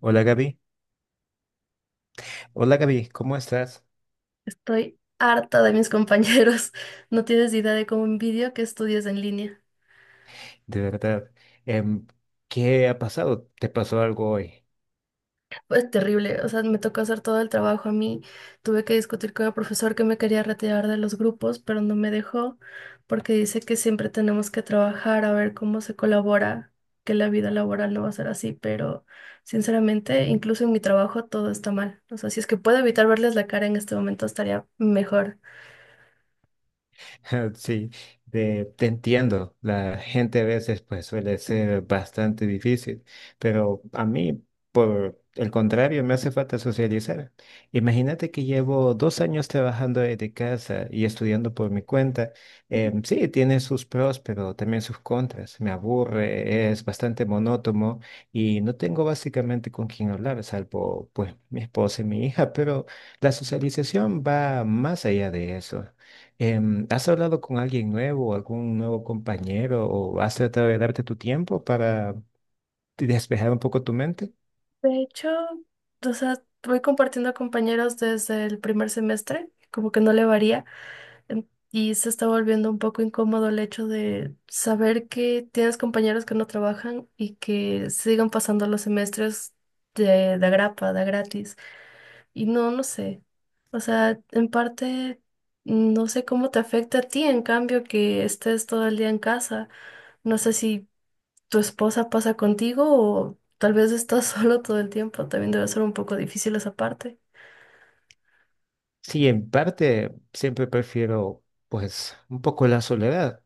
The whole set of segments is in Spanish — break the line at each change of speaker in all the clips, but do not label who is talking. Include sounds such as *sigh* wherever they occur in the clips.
Hola Gaby, hola Gaby, ¿cómo estás?
Estoy harta de mis compañeros. *laughs* No tienes idea de cómo envidio que estudies en línea.
De verdad, em, ¿qué ha pasado? ¿Te pasó algo hoy?
Es terrible. O sea, me tocó hacer todo el trabajo a mí. Tuve que discutir con el profesor que me quería retirar de los grupos, pero no me dejó porque dice que siempre tenemos que trabajar a ver cómo se colabora, que la vida laboral no va a ser así. Pero sinceramente, incluso en mi trabajo todo está mal. O sea, si es que puedo evitar verles la cara en este momento, estaría mejor.
*laughs* Sí, te entiendo. La gente a veces pues suele ser bastante difícil, pero a mí, por el contrario, me hace falta socializar. Imagínate que llevo 2 años trabajando desde casa y estudiando por mi cuenta. Sí, tiene sus pros, pero también sus contras. Me aburre, es bastante monótono y no tengo básicamente con quién hablar, salvo pues mi esposa y mi hija, pero la socialización va más allá de eso. ¿Has hablado con alguien nuevo, algún nuevo compañero, o has tratado de darte tu tiempo para despejar un poco tu mente?
De hecho, o sea, voy compartiendo compañeros desde el primer semestre, como que no le varía, y se está volviendo un poco incómodo el hecho de saber que tienes compañeros que no trabajan y que sigan pasando los semestres de agrapa, de gratis. Y no, no sé. O sea, en parte, no sé cómo te afecta a ti, en cambio, que estés todo el día en casa. No sé si tu esposa pasa contigo o tal vez estás *laughs* solo todo el tiempo. También debe ser un poco difícil esa parte.
Sí, en parte siempre prefiero, pues, un poco la soledad,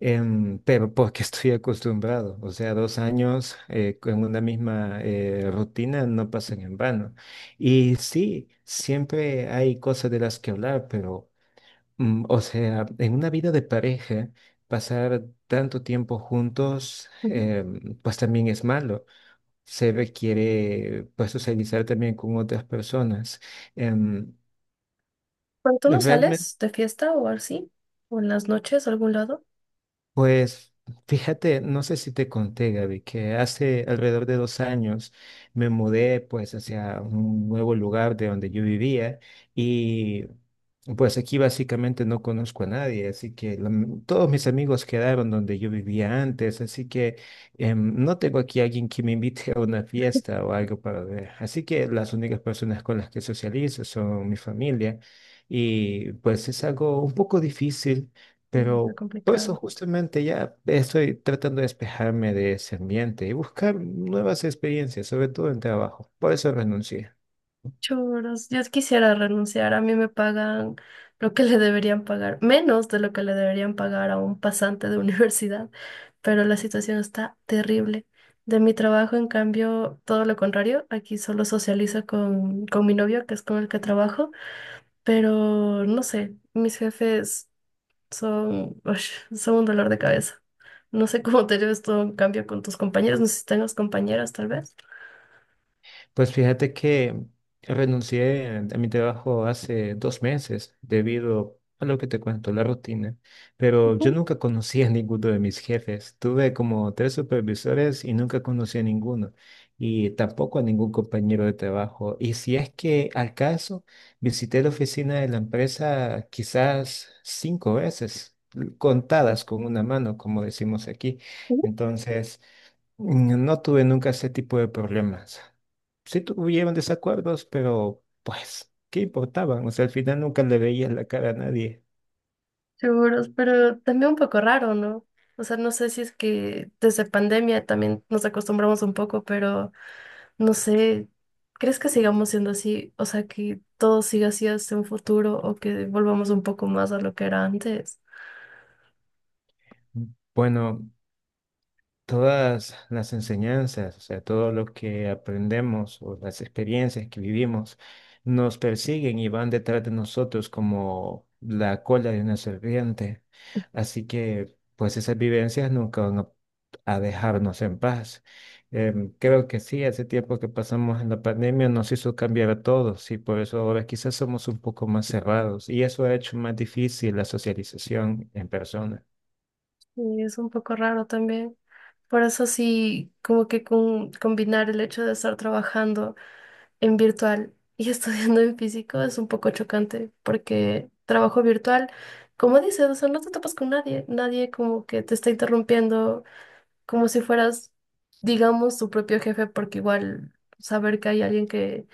pero porque *laughs* estoy acostumbrado. O sea, 2 años con una misma rutina no pasan en vano. Y sí, siempre hay cosas de las que hablar, pero o sea, en una vida de pareja, pasar tanto tiempo juntos,
Ujú.
pues también es malo. Se requiere, pues, socializar también con otras personas. Em,
Bueno, ¿tú no
Realmente.
sales de fiesta o así? ¿O en las noches a algún lado?
Pues fíjate, no sé si te conté, Gaby, que hace alrededor de 2 años me mudé pues hacia un nuevo lugar de donde yo vivía y pues aquí básicamente no conozco a nadie, así que la todos mis amigos quedaron donde yo vivía antes, así que no tengo aquí alguien que me invite a una fiesta o algo para ver. Así que las únicas personas con las que socializo son mi familia y pues es algo un poco difícil,
Mm. Está
pero... Por
complicado.
eso justamente ya estoy tratando de despejarme de ese ambiente y buscar nuevas experiencias, sobre todo en trabajo. Por eso renuncié.
Choros, yo quisiera renunciar, a mí me pagan lo que le deberían pagar, menos de lo que le deberían pagar a un pasante de *laughs* universidad, pero la situación está terrible. De mi trabajo, en cambio, todo lo contrario, aquí solo socializo con mi novio, que es con el que trabajo, pero no sé, mis jefes son, *laughs* ush, son un dolor de cabeza. No sé cómo te lleves tú en cambio con tus compañeros, no sé si tengas compañeras tal vez.
Pues fíjate que renuncié a mi trabajo hace 2 meses debido a lo que te cuento, la rutina, pero yo
Ujú.
nunca conocí a ninguno de mis jefes. Tuve como tres supervisores y nunca conocí a ninguno y tampoco a ningún compañero de trabajo. Y si es que al caso, visité la oficina de la empresa quizás cinco veces, contadas con una mano, como decimos aquí. Entonces... No tuve nunca ese tipo de problemas. Sí tuvieron desacuerdos, pero pues, ¿qué importaban? O sea, al final nunca le veía la cara a nadie.
Seguros, pero también un poco raro, ¿no? O sea, no sé si es que desde pandemia también nos acostumbramos un poco, pero no sé, ¿crees que sigamos siendo así? O sea, que todo siga así hasta un futuro o que volvamos un poco más a lo que era antes.
Mm, Bueno, todas las enseñanzas, o sea, todo lo que aprendemos o las experiencias que vivimos nos persiguen y van detrás de nosotros como la cola de una serpiente. Así que, pues esas vivencias nunca van a dejarnos en paz. Creo que sí, hace tiempo que pasamos en la pandemia nos hizo cambiar a todos y por eso ahora quizás somos un poco más cerrados y eso ha hecho más difícil la socialización en persona.
Y es un poco raro también. Por eso sí, como que combinar el hecho de estar trabajando en virtual y *laughs* estudiando en físico es un poco chocante porque trabajo virtual, como dices, o sea, no te topas con nadie, nadie como que te está interrumpiendo, como si fueras, digamos, tu propio jefe, porque igual saber que hay alguien que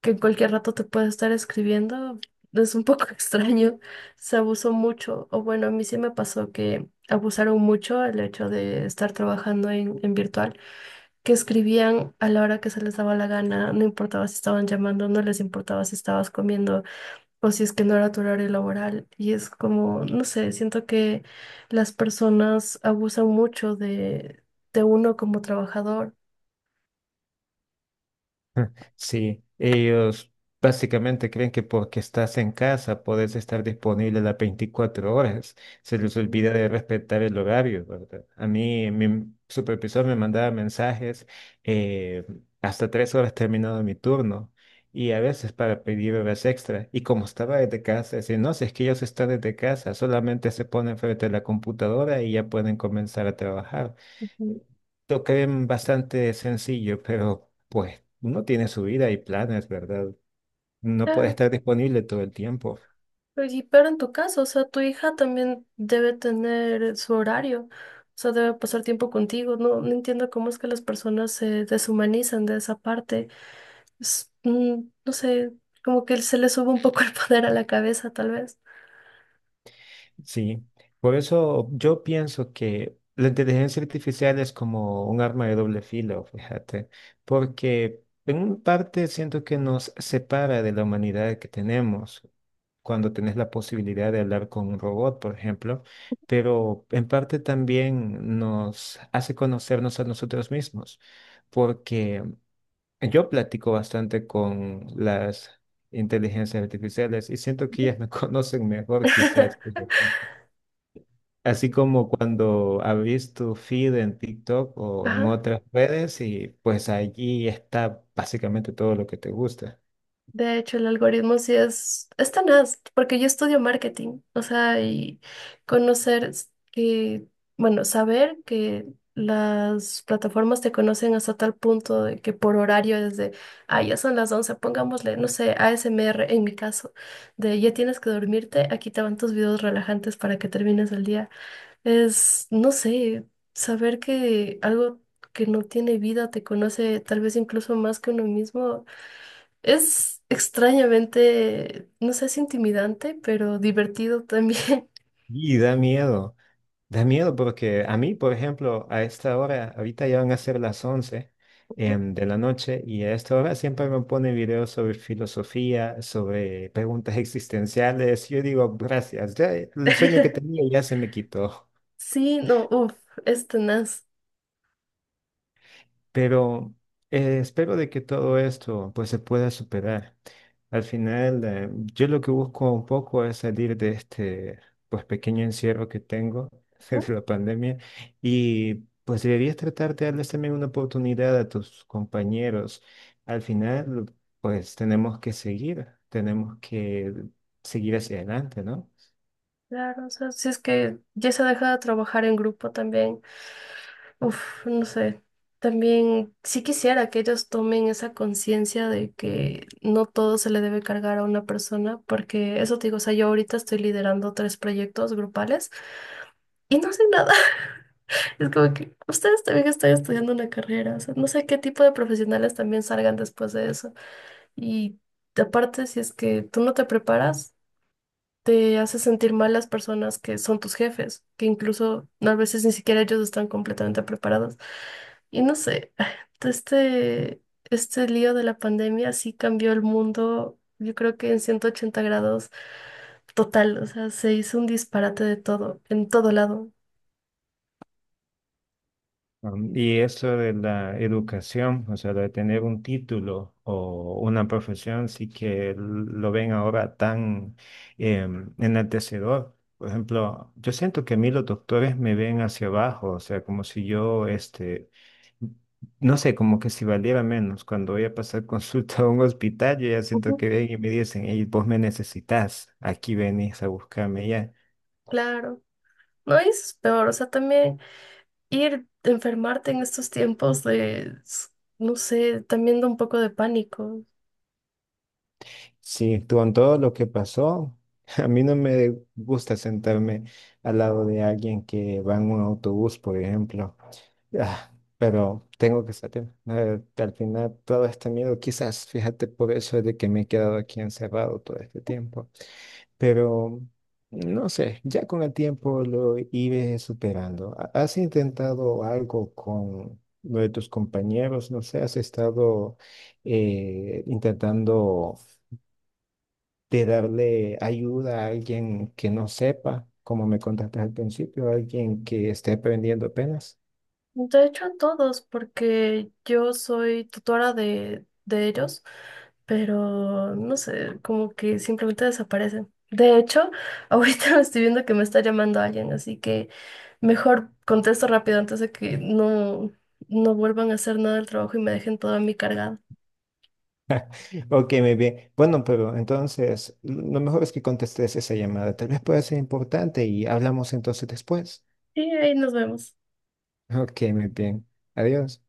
que en cualquier rato te puede estar escribiendo, es un poco *laughs* extraño. Se abusó mucho, o bueno, a mí sí me pasó que abusaron mucho el hecho de estar trabajando en virtual, que escribían a la hora que se les daba la gana, no importaba si estaban llamando, no les importaba si estabas comiendo o si es que no era tu horario laboral. Y es como, no sé, siento que las personas abusan mucho de uno como trabajador.
Sí, ellos básicamente creen que porque estás en casa puedes estar disponible las 24 horas. Se les olvida de respetar el horario, ¿verdad? A mí, mi supervisor me mandaba mensajes eh, hasta 3 horas terminado mi turno y a veces para pedir horas extra. Y como estaba desde casa, decía, no, si es que ellos están desde casa, solamente se ponen frente a la computadora y ya pueden comenzar a trabajar.
Ujú.
Lo bastante sencillo, pero pues uno tiene su vida y planes, ¿verdad? No puede
Claro.
estar disponible todo el tiempo.
Pero en tu caso, o sea, tu hija también debe tener su horario, o sea, debe pasar tiempo contigo. No, no entiendo cómo es que las personas se deshumanizan de esa parte. Es, no sé, como que se le sube un poco el *laughs* poder a la cabeza, tal vez.
Sí, por eso yo pienso que la inteligencia artificial es como un arma de doble filo, fíjate, porque en una parte siento que nos separa de la humanidad que tenemos cuando tenés la posibilidad de hablar con un robot, por ejemplo, pero en parte también nos hace conocernos a nosotros mismos, porque yo platico bastante con las inteligencias artificiales y siento que ellas me *laughs* conocen mejor quizás.
*laughs*
Así como cuando abrís tu feed en TikTok o en
Ajá.
otras redes y pues allí está básicamente todo lo que te gusta.
De hecho, el algoritmo sí es tenaz, porque yo estudio marketing, o sea, y que, bueno, saber que las plataformas te conocen hasta tal punto de que por horario desde, ah, ya son las 11 pongámosle, no sé, ASMR en mi caso, de ya tienes que dormirte, aquí te van tus videos relajantes para que termines el día. Es, no sé, saber que algo que no tiene vida te conoce tal vez incluso más que uno mismo es extrañamente, no sé si intimidante, pero divertido también.
Y da miedo porque a mí, por ejemplo, a esta hora, ahorita ya van a ser las 11 de la noche y a esta hora siempre me pone videos sobre filosofía, sobre preguntas existenciales. Yo digo, gracias, ya el sueño que tenía
*laughs*
ya se me quitó.
Sí, no, uff, es tenaz.
Pero espero de que todo esto pues se pueda superar. Al final, yo lo que busco un poco es salir de este pues pequeño encierro que tengo *laughs*
Ujú.
desde la pandemia y pues deberías tratar de darles también una oportunidad a tus compañeros. Al final, pues tenemos que seguir hacia adelante, ¿no?
Claro, o sea, si es que ya se deja de trabajar en grupo también, uff, no sé, también sí quisiera que ellos tomen esa conciencia de que no todo se le debe cargar a una persona, porque eso te digo, o sea, yo ahorita estoy liderando tres proyectos grupales y no sé nada. *laughs* Es como que ustedes también están estudiando una carrera, o sea, no sé qué tipo de profesionales también salgan después de eso. Y aparte, si es que tú no te preparas, te hace sentir mal las personas que son tus jefes, que incluso no, a veces ni siquiera ellos están completamente preparados. Y no sé, *sighs* este, este lío de la pandemia sí cambió el mundo, yo creo que en 180 grados total, o sea, se hizo un disparate de todo, en todo lado.
Y eso de la educación, o sea, de tener un título o una profesión, sí que lo ven ahora tan enaltecedor. Por ejemplo, yo siento que a mí los doctores me ven hacia abajo, o sea, como si yo, no sé, como que si valiera menos. Cuando voy a pasar *laughs* consulta a un hospital, yo ya siento
Ujú.
que ven y me dicen, hey, vos me necesitas, aquí venís a buscarme ya.
Claro. No y eso es peor, o sea, también ir enfermarte en estos tiempos de, no sé, también da un poco de pánico.
Sí, con todo lo que pasó, *laughs* a mí no me gusta sentarme al lado de alguien que va en un autobús, por ejemplo. Ah, pero tengo que salir. Al final, todo este miedo, quizás, fíjate, por eso es de que me he quedado aquí encerrado todo este tiempo. Pero, no sé, ya con el tiempo lo iré superando. ¿Has intentado algo con lo de tus compañeros? No sé, has estado intentando de darle ayuda a alguien que no sepa, como me contaste al principio, alguien que esté aprendiendo apenas.
De hecho, a todos, porque yo soy tutora de ellos, pero no sé, como que simplemente desaparecen. De hecho, ahorita *laughs* me estoy viendo que me está llamando alguien, así que mejor contesto rápido antes de que no, no vuelvan a hacer nada del trabajo y me dejen toda mi cargada.
Ok, muy bien. Bueno, pero entonces lo mejor es que contestes esa llamada. Tal vez pueda ser importante y hablamos entonces después.
Y ahí nos vemos.
Ok, muy bien. Adiós.